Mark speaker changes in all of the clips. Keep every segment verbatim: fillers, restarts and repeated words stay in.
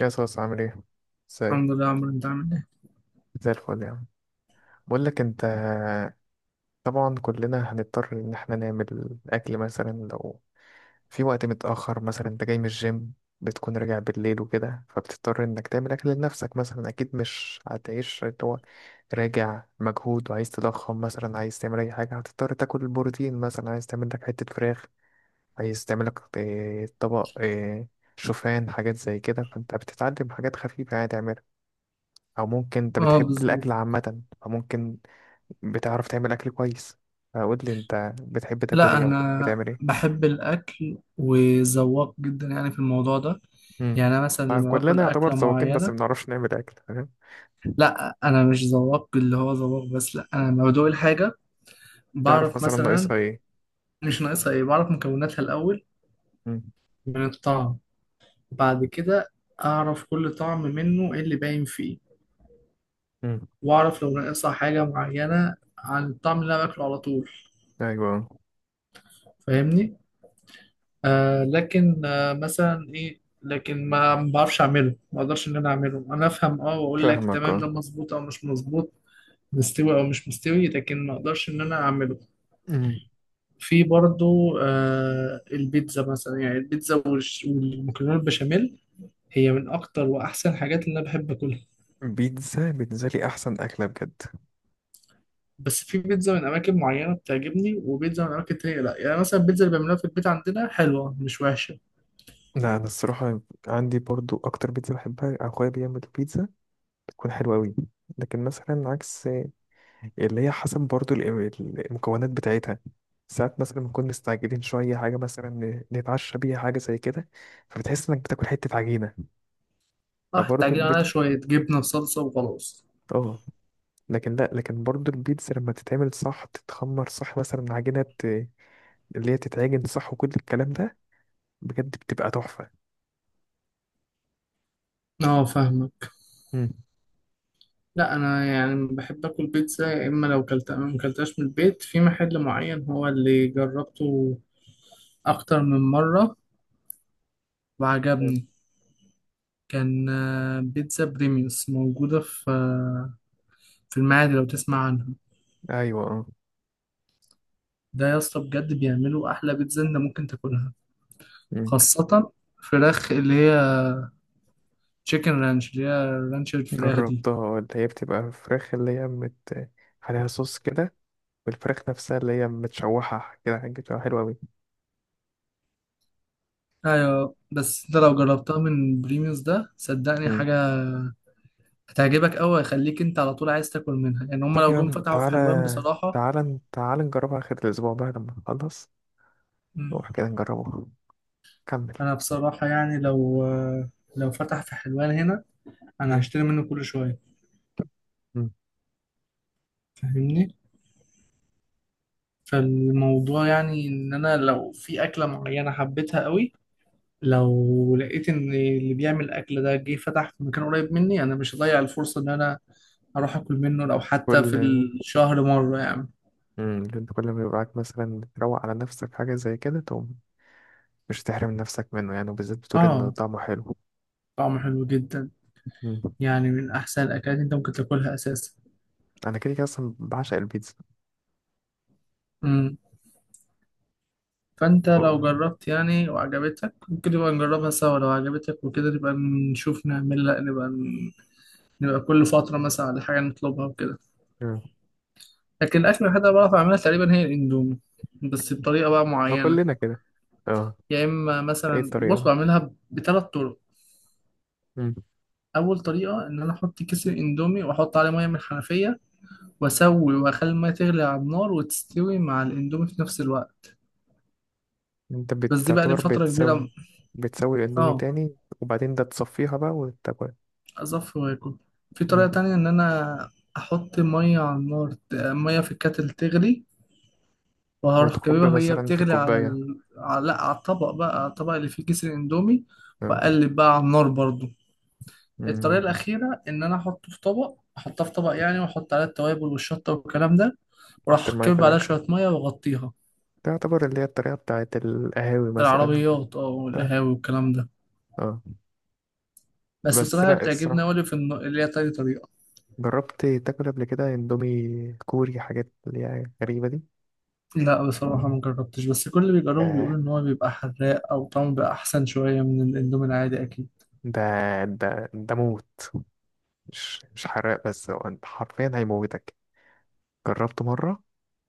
Speaker 1: يا صوص عامل ايه؟
Speaker 2: الحمد
Speaker 1: ازيك؟
Speaker 2: لله يا عمرو، انت عامل ايه؟
Speaker 1: زي الفل يا عم. بقول لك انت، طبعا كلنا هنضطر ان احنا نعمل اكل مثلا لو في وقت متأخر، مثلا انت جاي من الجيم بتكون راجع بالليل وكده، فبتضطر انك تعمل اكل لنفسك. مثلا اكيد مش هتعيش اللي هو راجع مجهود وعايز تضخم، مثلا عايز تعمل اي حاجة هتضطر تاكل البروتين، مثلا عايز تعمل لك حتة فراخ، عايز تعمل لك إيه، طبق آه، شوفان، حاجات زي كده. فانت بتتعلم حاجات خفيفة يعني تعملها، او ممكن انت
Speaker 2: اه،
Speaker 1: بتحب
Speaker 2: بالظبط.
Speaker 1: الاكل عامه فممكن بتعرف تعمل اكل كويس. فقول لي انت بتحب تاكل
Speaker 2: لا،
Speaker 1: ايه او بتحب
Speaker 2: انا
Speaker 1: تعمل ايه.
Speaker 2: بحب الاكل وذواق جدا يعني في الموضوع ده.
Speaker 1: مم.
Speaker 2: يعني انا مثلا لما باكل
Speaker 1: كلنا يعتبر
Speaker 2: اكله
Speaker 1: ذواقين بس
Speaker 2: معينه،
Speaker 1: ما بنعرفش نعمل اكل، فاهم.
Speaker 2: لا، انا مش ذواق اللي هو ذواق، بس لا، انا لما بدوق الحاجه
Speaker 1: تعرف
Speaker 2: بعرف
Speaker 1: مثلا
Speaker 2: مثلا.
Speaker 1: ناقصها ايه.
Speaker 2: مش ناقصها ايه، بعرف مكوناتها الاول
Speaker 1: مم.
Speaker 2: من الطعم. بعد كده اعرف كل طعم منه ايه اللي باين فيه،
Speaker 1: مم.
Speaker 2: واعرف لو ناقصها حاجه معينه عن الطعم اللي انا باكله على طول.
Speaker 1: ايوه.
Speaker 2: فاهمني؟ آه لكن آه مثلا ايه، لكن ما ما بعرفش اعمله، ما اقدرش ان انا اعمله. انا افهم اه، واقول لك
Speaker 1: فاهمك
Speaker 2: تمام،
Speaker 1: اه.
Speaker 2: ده مظبوط او مش مظبوط، مستوي او مش مستوي، لكن ما اقدرش ان انا اعمله.
Speaker 1: مم.
Speaker 2: في برضو آه البيتزا مثلا. يعني البيتزا والش- والمكرونه البشاميل هي من اكتر واحسن حاجات اللي انا بحب اكلها.
Speaker 1: بيتزا بالنسبه لي احسن اكله بجد.
Speaker 2: بس في بيتزا من اماكن معينه بتعجبني، وبيتزا من اماكن تانية لا. يعني مثلا البيتزا اللي بيعملوها في البيت عندنا حلوه، مش وحشه.
Speaker 1: لا، انا الصراحه عندي برضو اكتر بيتزا بحبها اخويا بيعمل بيتزا بتكون حلوه قوي. لكن مثلا عكس، اللي هي حسب برضو الإم- المكونات بتاعتها. ساعات مثلا بنكون مستعجلين شوية، حاجة مثلا ن- نتعشى بيها، حاجة زي كده، فبتحس إنك بتاكل حتة عجينة.
Speaker 2: اه،
Speaker 1: فبرضو
Speaker 2: تعجبني عليها
Speaker 1: البيتزا،
Speaker 2: شويه جبنه وصلصه وخلاص.
Speaker 1: اه. لكن لأ، لكن برضو البيتزا لما تتعمل صح، تتخمر صح، مثلا عجينة ت- اللي هي تتعجن صح وكل الكلام ده، بجد بتبقى تحفة.
Speaker 2: اه، فاهمه.
Speaker 1: مم.
Speaker 2: لا، انا يعني بحب اكل بيتزا. يا اما لو كلت ما كلتهاش من البيت، في محل معين هو اللي جربته اكتر من مره،
Speaker 1: مم.
Speaker 2: وعجبني. كان آه، بيتزا بريميوس موجوده في آه، في المعادي، لو تسمع عنها.
Speaker 1: أيوة اه.
Speaker 2: ده يا اسطى، بجد بيعملوا احلى بيتزا انت ممكن تاكلها،
Speaker 1: مم.
Speaker 2: خاصه فراخ اللي هي تشيكن رانش، اللي هي رانش الفراخ دي.
Speaker 1: جربتها آه، اللي هي بتبقى فراخ، اللي هي مت عليها صوص كده، والفراخ نفسها اللي هي متشوحة كده، حاجة بتبقى حلوة أوي.
Speaker 2: ايوه، بس انت لو جربتها من بريميوس ده صدقني حاجه هتعجبك قوي، هيخليك انت على طول عايز تاكل منها. يعني هم
Speaker 1: طب
Speaker 2: لو
Speaker 1: يا
Speaker 2: جم
Speaker 1: عم،
Speaker 2: فتحوا في
Speaker 1: تعالى
Speaker 2: حلوان بصراحة.
Speaker 1: تعالى تعالى نجربها آخر الأسبوع بقى لما نخلص،
Speaker 2: مم.
Speaker 1: نروح كده نجربها. كمل.
Speaker 2: انا بصراحة يعني لو لو فتح في حلوان هنا، انا
Speaker 1: مم.
Speaker 2: هشتري منه كل شوية.
Speaker 1: مم.
Speaker 2: فاهمني؟ فالموضوع يعني ان انا لو في اكلة معينة حبيتها قوي، لو لقيت ان اللي بيعمل الاكل ده جه فتح في مكان قريب مني، انا مش هضيع الفرصة ان انا اروح اكل منه لو حتى
Speaker 1: كل.
Speaker 2: في الشهر مرة يعني.
Speaker 1: مم. انت كل ما يبقى معاك مثلا تروق على نفسك حاجة زي كده، تقوم مش تحرم نفسك منه يعني، وبالذات بتقول إن
Speaker 2: اه،
Speaker 1: طعمه حلو.
Speaker 2: طعمه حلو جدا.
Speaker 1: مم.
Speaker 2: يعني من احسن الاكلات انت ممكن تاكلها اساسا.
Speaker 1: أنا كده كده أصلا بعشق البيتزا.
Speaker 2: فانت لو
Speaker 1: مم.
Speaker 2: جربت يعني وعجبتك، ممكن نبقى نجربها سوا، لو عجبتك وكده نبقى نشوف نعمل، لا نبقى ن- نبقى كل فترة مثلا على حاجة نطلبها وكده.
Speaker 1: مم.
Speaker 2: لكن الأكل الوحيد اللي بعرف أعملها تقريبا هي الإندومي، بس بطريقة بقى
Speaker 1: أه
Speaker 2: معينة.
Speaker 1: كلنا كده. اه.
Speaker 2: يا إما
Speaker 1: ايه
Speaker 2: مثلا
Speaker 1: الطريقة
Speaker 2: بص،
Speaker 1: بقى؟
Speaker 2: بعملها ب- بثلاث طرق.
Speaker 1: مم.
Speaker 2: أول طريقة إن أنا أحط كيس الإندومي وأحط عليه مية من الحنفية وأسوي وأخلي المية تغلي على النار وتستوي مع الإندومي في نفس الوقت.
Speaker 1: انت
Speaker 2: بس دي بقى لي
Speaker 1: بتعتبر
Speaker 2: فترة كبيرة.
Speaker 1: بتسوي، بتسوي الاندومي
Speaker 2: اه،
Speaker 1: تاني، وبعدين ده تصفيها بقى وتاكل.
Speaker 2: أصفي وآكل. في طريقة
Speaker 1: مم.
Speaker 2: تانية إن أنا أحط مية على النار، ت- مية في الكاتل تغلي، وهروح
Speaker 1: وتكب
Speaker 2: جايبها وهي
Speaker 1: مثلا في
Speaker 2: بتغلي على
Speaker 1: كوباية،
Speaker 2: ال... على... لأ، على الطبق بقى، على الطبق اللي فيه كيس الإندومي،
Speaker 1: آه.
Speaker 2: وأقلب بقى على النار برضو. الطريقة
Speaker 1: مم.
Speaker 2: الأخيرة إن أنا أحطه في طبق، أحطها في طبق يعني، وأحط عليها التوابل والشطة والكلام ده،
Speaker 1: حط
Speaker 2: وأروح
Speaker 1: المية في
Speaker 2: كبب عليها
Speaker 1: الآخر،
Speaker 2: شوية مية وأغطيها.
Speaker 1: تعتبر اللي هي الطريقة بتاعت القهاوي مثلا وكده.
Speaker 2: العربيات أه
Speaker 1: اه.
Speaker 2: والقهاوي والكلام ده.
Speaker 1: اه.
Speaker 2: بس
Speaker 1: بس
Speaker 2: بصراحة
Speaker 1: لا
Speaker 2: بتعجبني أوي
Speaker 1: الصراحة،
Speaker 2: اللي في الن- اللي هي تاني طريقة.
Speaker 1: جربت تاكل قبل كده اندومي كوري، حاجات اللي هي غريبة دي.
Speaker 2: لا بصراحة ما جربتش، بس كل اللي بيجربه بيقول
Speaker 1: ياه،
Speaker 2: إن هو بيبقى حراق أو طعمه بيبقى أحسن شوية من الإندومي العادي أكيد.
Speaker 1: ده ده ده موت، مش مش حراق بس، هو انت حرفيا هيموتك. جربته مرة،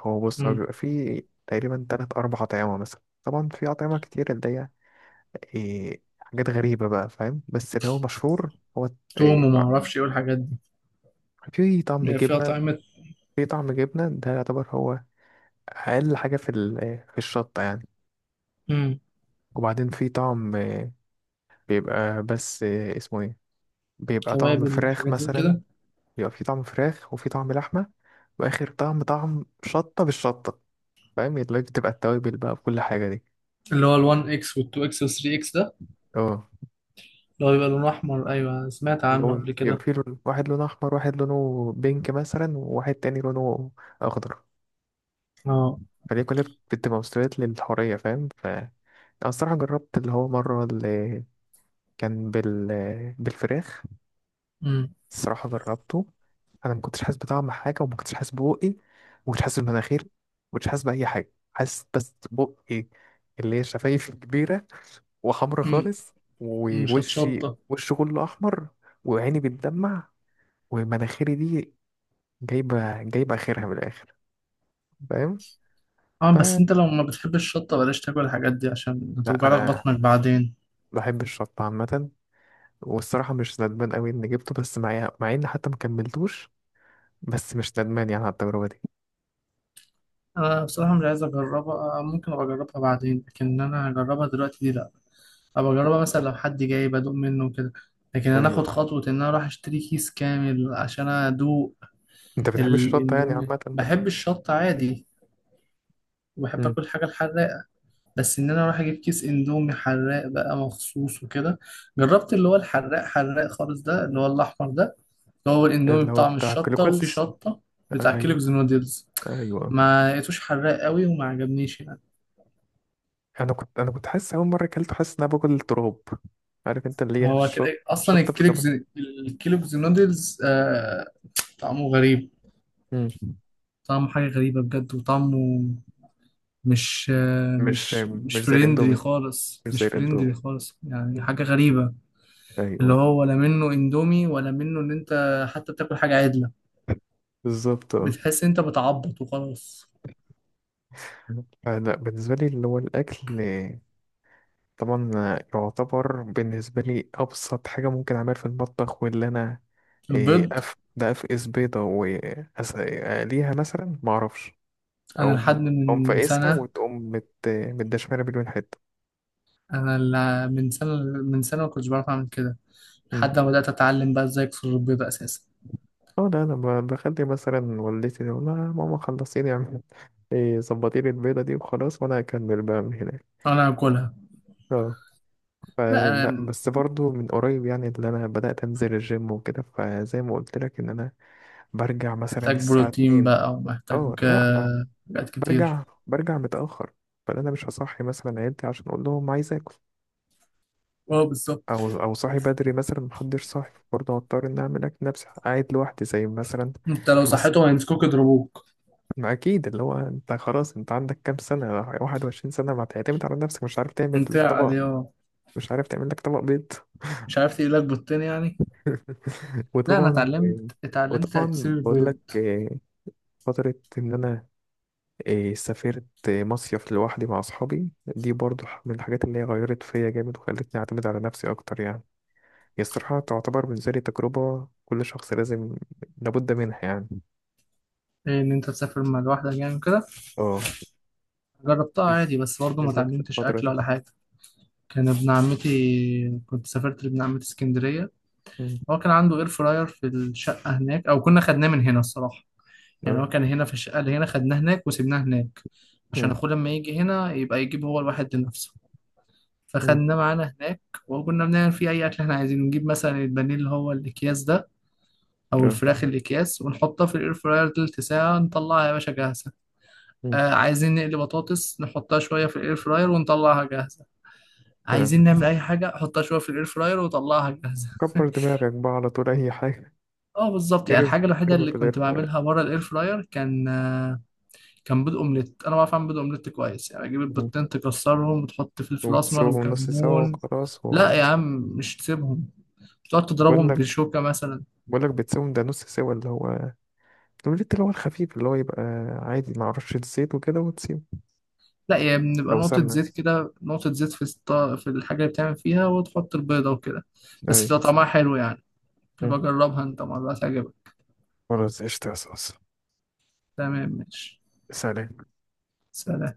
Speaker 1: هو بص هو
Speaker 2: مم.
Speaker 1: بيبقى فيه تقريبا تلات أربع أطعمة، مثلا طبعا في أطعمة كتير اللي هي إيه، حاجات غريبة بقى، فاهم. بس اللي هو مشهور هو
Speaker 2: توم
Speaker 1: إيه،
Speaker 2: وما أعرفش إيه والحاجات دي.
Speaker 1: في طعم
Speaker 2: بيبقى فيها
Speaker 1: جبنة،
Speaker 2: طعمة.
Speaker 1: في طعم جبنة ده يعتبر هو أقل حاجة في ال- في الشطة يعني.
Speaker 2: مم.
Speaker 1: وبعدين في طعم آه، بيبقى بس آه، اسمه ايه، بيبقى طعم
Speaker 2: توابل
Speaker 1: فراخ
Speaker 2: وحاجات زي
Speaker 1: مثلا،
Speaker 2: كده.
Speaker 1: بيبقى في طعم فراخ وفي طعم لحمة، وآخر طعم طعم شطة بالشطة، فاهم، اللي هي بتبقى التوابل بقى بكل حاجة دي.
Speaker 2: اللي هو ال1 إكس وال2 إكس وال3 إكس ده،
Speaker 1: اه.
Speaker 2: اللي هو بيبقى لونه أحمر. أيوه، سمعت عنه
Speaker 1: لون
Speaker 2: قبل كده.
Speaker 1: يبقى، في لون واحد لونه أحمر، واحد لونه بينك مثلا، وواحد تاني لونه أخضر.
Speaker 2: أه.
Speaker 1: فدي كلها بتبقى مستويات للحورية، فاهم. ف أنا الصراحة جربت اللي هو مرة كان بال بالفراخ.
Speaker 2: مم.
Speaker 1: الصراحة جربته، أنا ما كنتش حاسس بطعم حاجة، وما كنتش حاسس ببقي، وما كنتش حاسس بمناخيري، ما كنتش حاسس بأي حاجة، حاسس بس بقي اللي هي شفايفي كبيرة وحمرا
Speaker 2: مم.
Speaker 1: خالص،
Speaker 2: مش
Speaker 1: ووشي،
Speaker 2: هتشطة.
Speaker 1: وشي كله أحمر، وعيني بتدمع، ومناخيري دي جايبة جايبة آخرها من الآخر، فاهم؟
Speaker 2: أه،
Speaker 1: ف-
Speaker 2: بس أنت لو ما بتحبش الشطة بلاش تاكل الحاجات دي عشان
Speaker 1: لا
Speaker 2: هتوجعلك
Speaker 1: أنا
Speaker 2: بطنك بعدين.
Speaker 1: بحب الشطة عامة، والصراحة مش ندمان أوي إني جبته، بس مع مع إني حتى ما كملتوش، بس مش ندمان يعني على التجربة دي.
Speaker 2: أنا بصراحة مش عايز أجربها، آه، ممكن أبقى أجربها بعدين، لكن إن أنا أجربها دلوقتي دي لأ. ابقى اجربها مثلا لو حد جاي بدوق منه وكده، لكن انا
Speaker 1: ايوه،
Speaker 2: اخد خطوه ان انا اروح اشتري كيس كامل عشان ادوق.
Speaker 1: انت بتحب الشطه يعني عامه
Speaker 2: الاندومي
Speaker 1: بقى.
Speaker 2: بحب الشطه عادي، وبحب
Speaker 1: مم.
Speaker 2: اكل حاجه الحراقه، بس ان انا اروح اجيب كيس اندومي حراق بقى مخصوص وكده. جربت اللي هو الحراق حراق خالص ده، اللي هو الاحمر ده، اللي هو الاندومي
Speaker 1: اللي هو
Speaker 2: بطعم
Speaker 1: بتاع
Speaker 2: الشطه وفي
Speaker 1: كلوكلز.
Speaker 2: شطه، بتاع
Speaker 1: ايوه.
Speaker 2: كيلوجز نودلز.
Speaker 1: ايوه.
Speaker 2: ما لقيتوش حراق قوي وما عجبنيش يعني.
Speaker 1: انا كنت انا كنت حاسس، اول مره اكلته حاسس ان انا باكل تراب، عارف انت اللي هي
Speaker 2: هو كده
Speaker 1: الشط،
Speaker 2: اصلا
Speaker 1: شطه
Speaker 2: الكيلوجز
Speaker 1: بخبط.
Speaker 2: الكيلوجز نودلز. آه طعمه غريب.
Speaker 1: مم.
Speaker 2: طعمه حاجة غريبة بجد، وطعمه مش
Speaker 1: مش
Speaker 2: مش مش
Speaker 1: مش زي
Speaker 2: فريندلي
Speaker 1: الاندومي،
Speaker 2: خالص،
Speaker 1: مش
Speaker 2: مش
Speaker 1: زي
Speaker 2: فريندلي
Speaker 1: الاندومي.
Speaker 2: خالص يعني، حاجة غريبة. اللي
Speaker 1: ايوه.
Speaker 2: هو ولا منه اندومي ولا منه، ان انت حتى بتاكل حاجة عدلة،
Speaker 1: بالظبط اه.
Speaker 2: بتحس انت بتعبط وخلاص.
Speaker 1: لا بالنسبه لي اللي هو الاكل، طبعا يعتبر بالنسبة لي أبسط حاجة ممكن أعملها في المطبخ، واللي أنا إيه،
Speaker 2: البيض.
Speaker 1: أف ده أفقس بيضة وأقليها مثلا، معرفش،
Speaker 2: انا لحد
Speaker 1: أقوم أقوم
Speaker 2: من
Speaker 1: فاقسها
Speaker 2: سنة،
Speaker 1: وتقوم مت... متدشملة مليون حتة.
Speaker 2: انا ال- من سنة من سنة ما كنتش بعرف اعمل كده،
Speaker 1: مم.
Speaker 2: لحد ما بدأت اتعلم بقى ازاي اكسر البيض اساسا.
Speaker 1: اه ده أنا ب- بخلي مثلا والدتي، تقول لها ماما خلصي لي اعمل- إيه، ظبطي لي البيضة دي وخلاص، وأنا هكمل بقى من هناك.
Speaker 2: انا اكلها.
Speaker 1: اه.
Speaker 2: لا،
Speaker 1: فلا
Speaker 2: انا
Speaker 1: بس برضو من قريب يعني، اللي أنا بدأت أنزل الجيم وكده، فزي ما قلت لك إن أنا برجع مثلا
Speaker 2: محتاج
Speaker 1: الساعة
Speaker 2: بروتين
Speaker 1: اتنين.
Speaker 2: بقى، ومحتاج
Speaker 1: اه لا انا
Speaker 2: آه، حاجات كتير.
Speaker 1: برجع برجع متأخر، فانا مش هصحي مثلا عيلتي عشان اقول لهم عايز اكل،
Speaker 2: اه بالظبط.
Speaker 1: او او صاحي بدري مثلا محدش صاحي، برضه هضطر ان اعمل اكل نفسي قاعد لوحدي زي مثلا.
Speaker 2: انت لو
Speaker 1: بس
Speaker 2: صحيتهم هيمسكوك يضربوك.
Speaker 1: ما اكيد اللي هو انت خلاص، انت عندك كام سنة، واحد وعشرين سنة، ما تعتمد على نفسك، مش عارف تعمل
Speaker 2: انت
Speaker 1: طبق،
Speaker 2: عليه اه.
Speaker 1: مش عارف تعمل لك طبق بيض.
Speaker 2: مش عارف تقيلك بالتاني يعني. لا، انا
Speaker 1: وطبعا،
Speaker 2: اتعلمت اتعلمت تكسير
Speaker 1: وطبعا بقول
Speaker 2: البيض.
Speaker 1: لك آه، فترة ان انا إيه، سافرت مصيف لوحدي مع أصحابي، دي برضو ح- من الحاجات اللي هي غيرت فيا جامد وخلتني أعتمد على نفسي أكتر يعني. هي الصراحة تعتبر بالنسبة لي تجربة كل شخص لازم، لابد منها يعني.
Speaker 2: ان انت تسافر مع لوحدك يعني كده.
Speaker 1: اه
Speaker 2: جربتها
Speaker 1: بز-
Speaker 2: عادي، بس برضه ما
Speaker 1: بالذات في
Speaker 2: اتعلمتش
Speaker 1: الفترة
Speaker 2: اكل
Speaker 1: دي.
Speaker 2: ولا حاجه. كان ابن عمتي، كنت سافرت لابن عمتي اسكندريه.
Speaker 1: مم.
Speaker 2: هو كان عنده اير فراير في الشقه هناك، او كنا خدناه من هنا الصراحه. يعني
Speaker 1: اه.
Speaker 2: هو كان هنا في الشقه اللي هنا، خدناه هناك وسيبناه هناك، عشان
Speaker 1: مم.
Speaker 2: اخوه لما يجي هنا يبقى يجيب هو الواحد لنفسه.
Speaker 1: مم.
Speaker 2: فخدناه معانا هناك. وكنا بنعمل فيه اي اكل احنا عايزينه. نجيب مثلا البانيه اللي هو الاكياس ده، او
Speaker 1: اه.
Speaker 2: الفراخ الاكياس، ونحطها في الاير فراير تلت ساعه، نطلعها يا باشا جاهزه.
Speaker 1: مم.
Speaker 2: آه عايزين نقلي بطاطس، نحطها شويه في الاير فراير ونطلعها جاهزه.
Speaker 1: اه.
Speaker 2: عايزين نعمل اي حاجه، حطها شويه في الاير فراير وطلعها جاهزه.
Speaker 1: كبر دماغك بقى على طول أي حاجة.
Speaker 2: اه بالظبط. يعني
Speaker 1: ارمي،
Speaker 2: الحاجه الوحيده
Speaker 1: ارمي
Speaker 2: اللي
Speaker 1: في
Speaker 2: كنت
Speaker 1: الإرفاق.
Speaker 2: بعملها بره الاير فراير كان آه كان بيض اومليت. انا بعرف اعمل بيض اومليت كويس، يعني اجيب البيضتين تكسرهم وتحط فلفل اسمر
Speaker 1: وتسيبهم نص سوا
Speaker 2: وكمون.
Speaker 1: وخلاص
Speaker 2: لا
Speaker 1: و...
Speaker 2: يا عم، مش تسيبهم. تقعد
Speaker 1: بقول
Speaker 2: تضربهم
Speaker 1: لك
Speaker 2: بشوكه مثلا.
Speaker 1: بقول لك بتسيبهم ده نص سوا، اللي هو الأومليت اللي هو الخفيف، اللي هو يبقى عادي مع رشة زيت وكده وتسيبه.
Speaker 2: لا، يعني بنبقى
Speaker 1: أو
Speaker 2: نقطة
Speaker 1: سمنة.
Speaker 2: زيت كده، نقطة زيت في الط- في الحاجة اللي بتعمل فيها، وتحط البيضة وكده. بس
Speaker 1: أيوة.
Speaker 2: بتبقى طعمها حلو يعني.
Speaker 1: مم.
Speaker 2: يبقى جربها انت مرة، هتعجبك.
Speaker 1: خلاص قشطة يا صوص.
Speaker 2: تمام ماشي.
Speaker 1: سلام.
Speaker 2: سلام.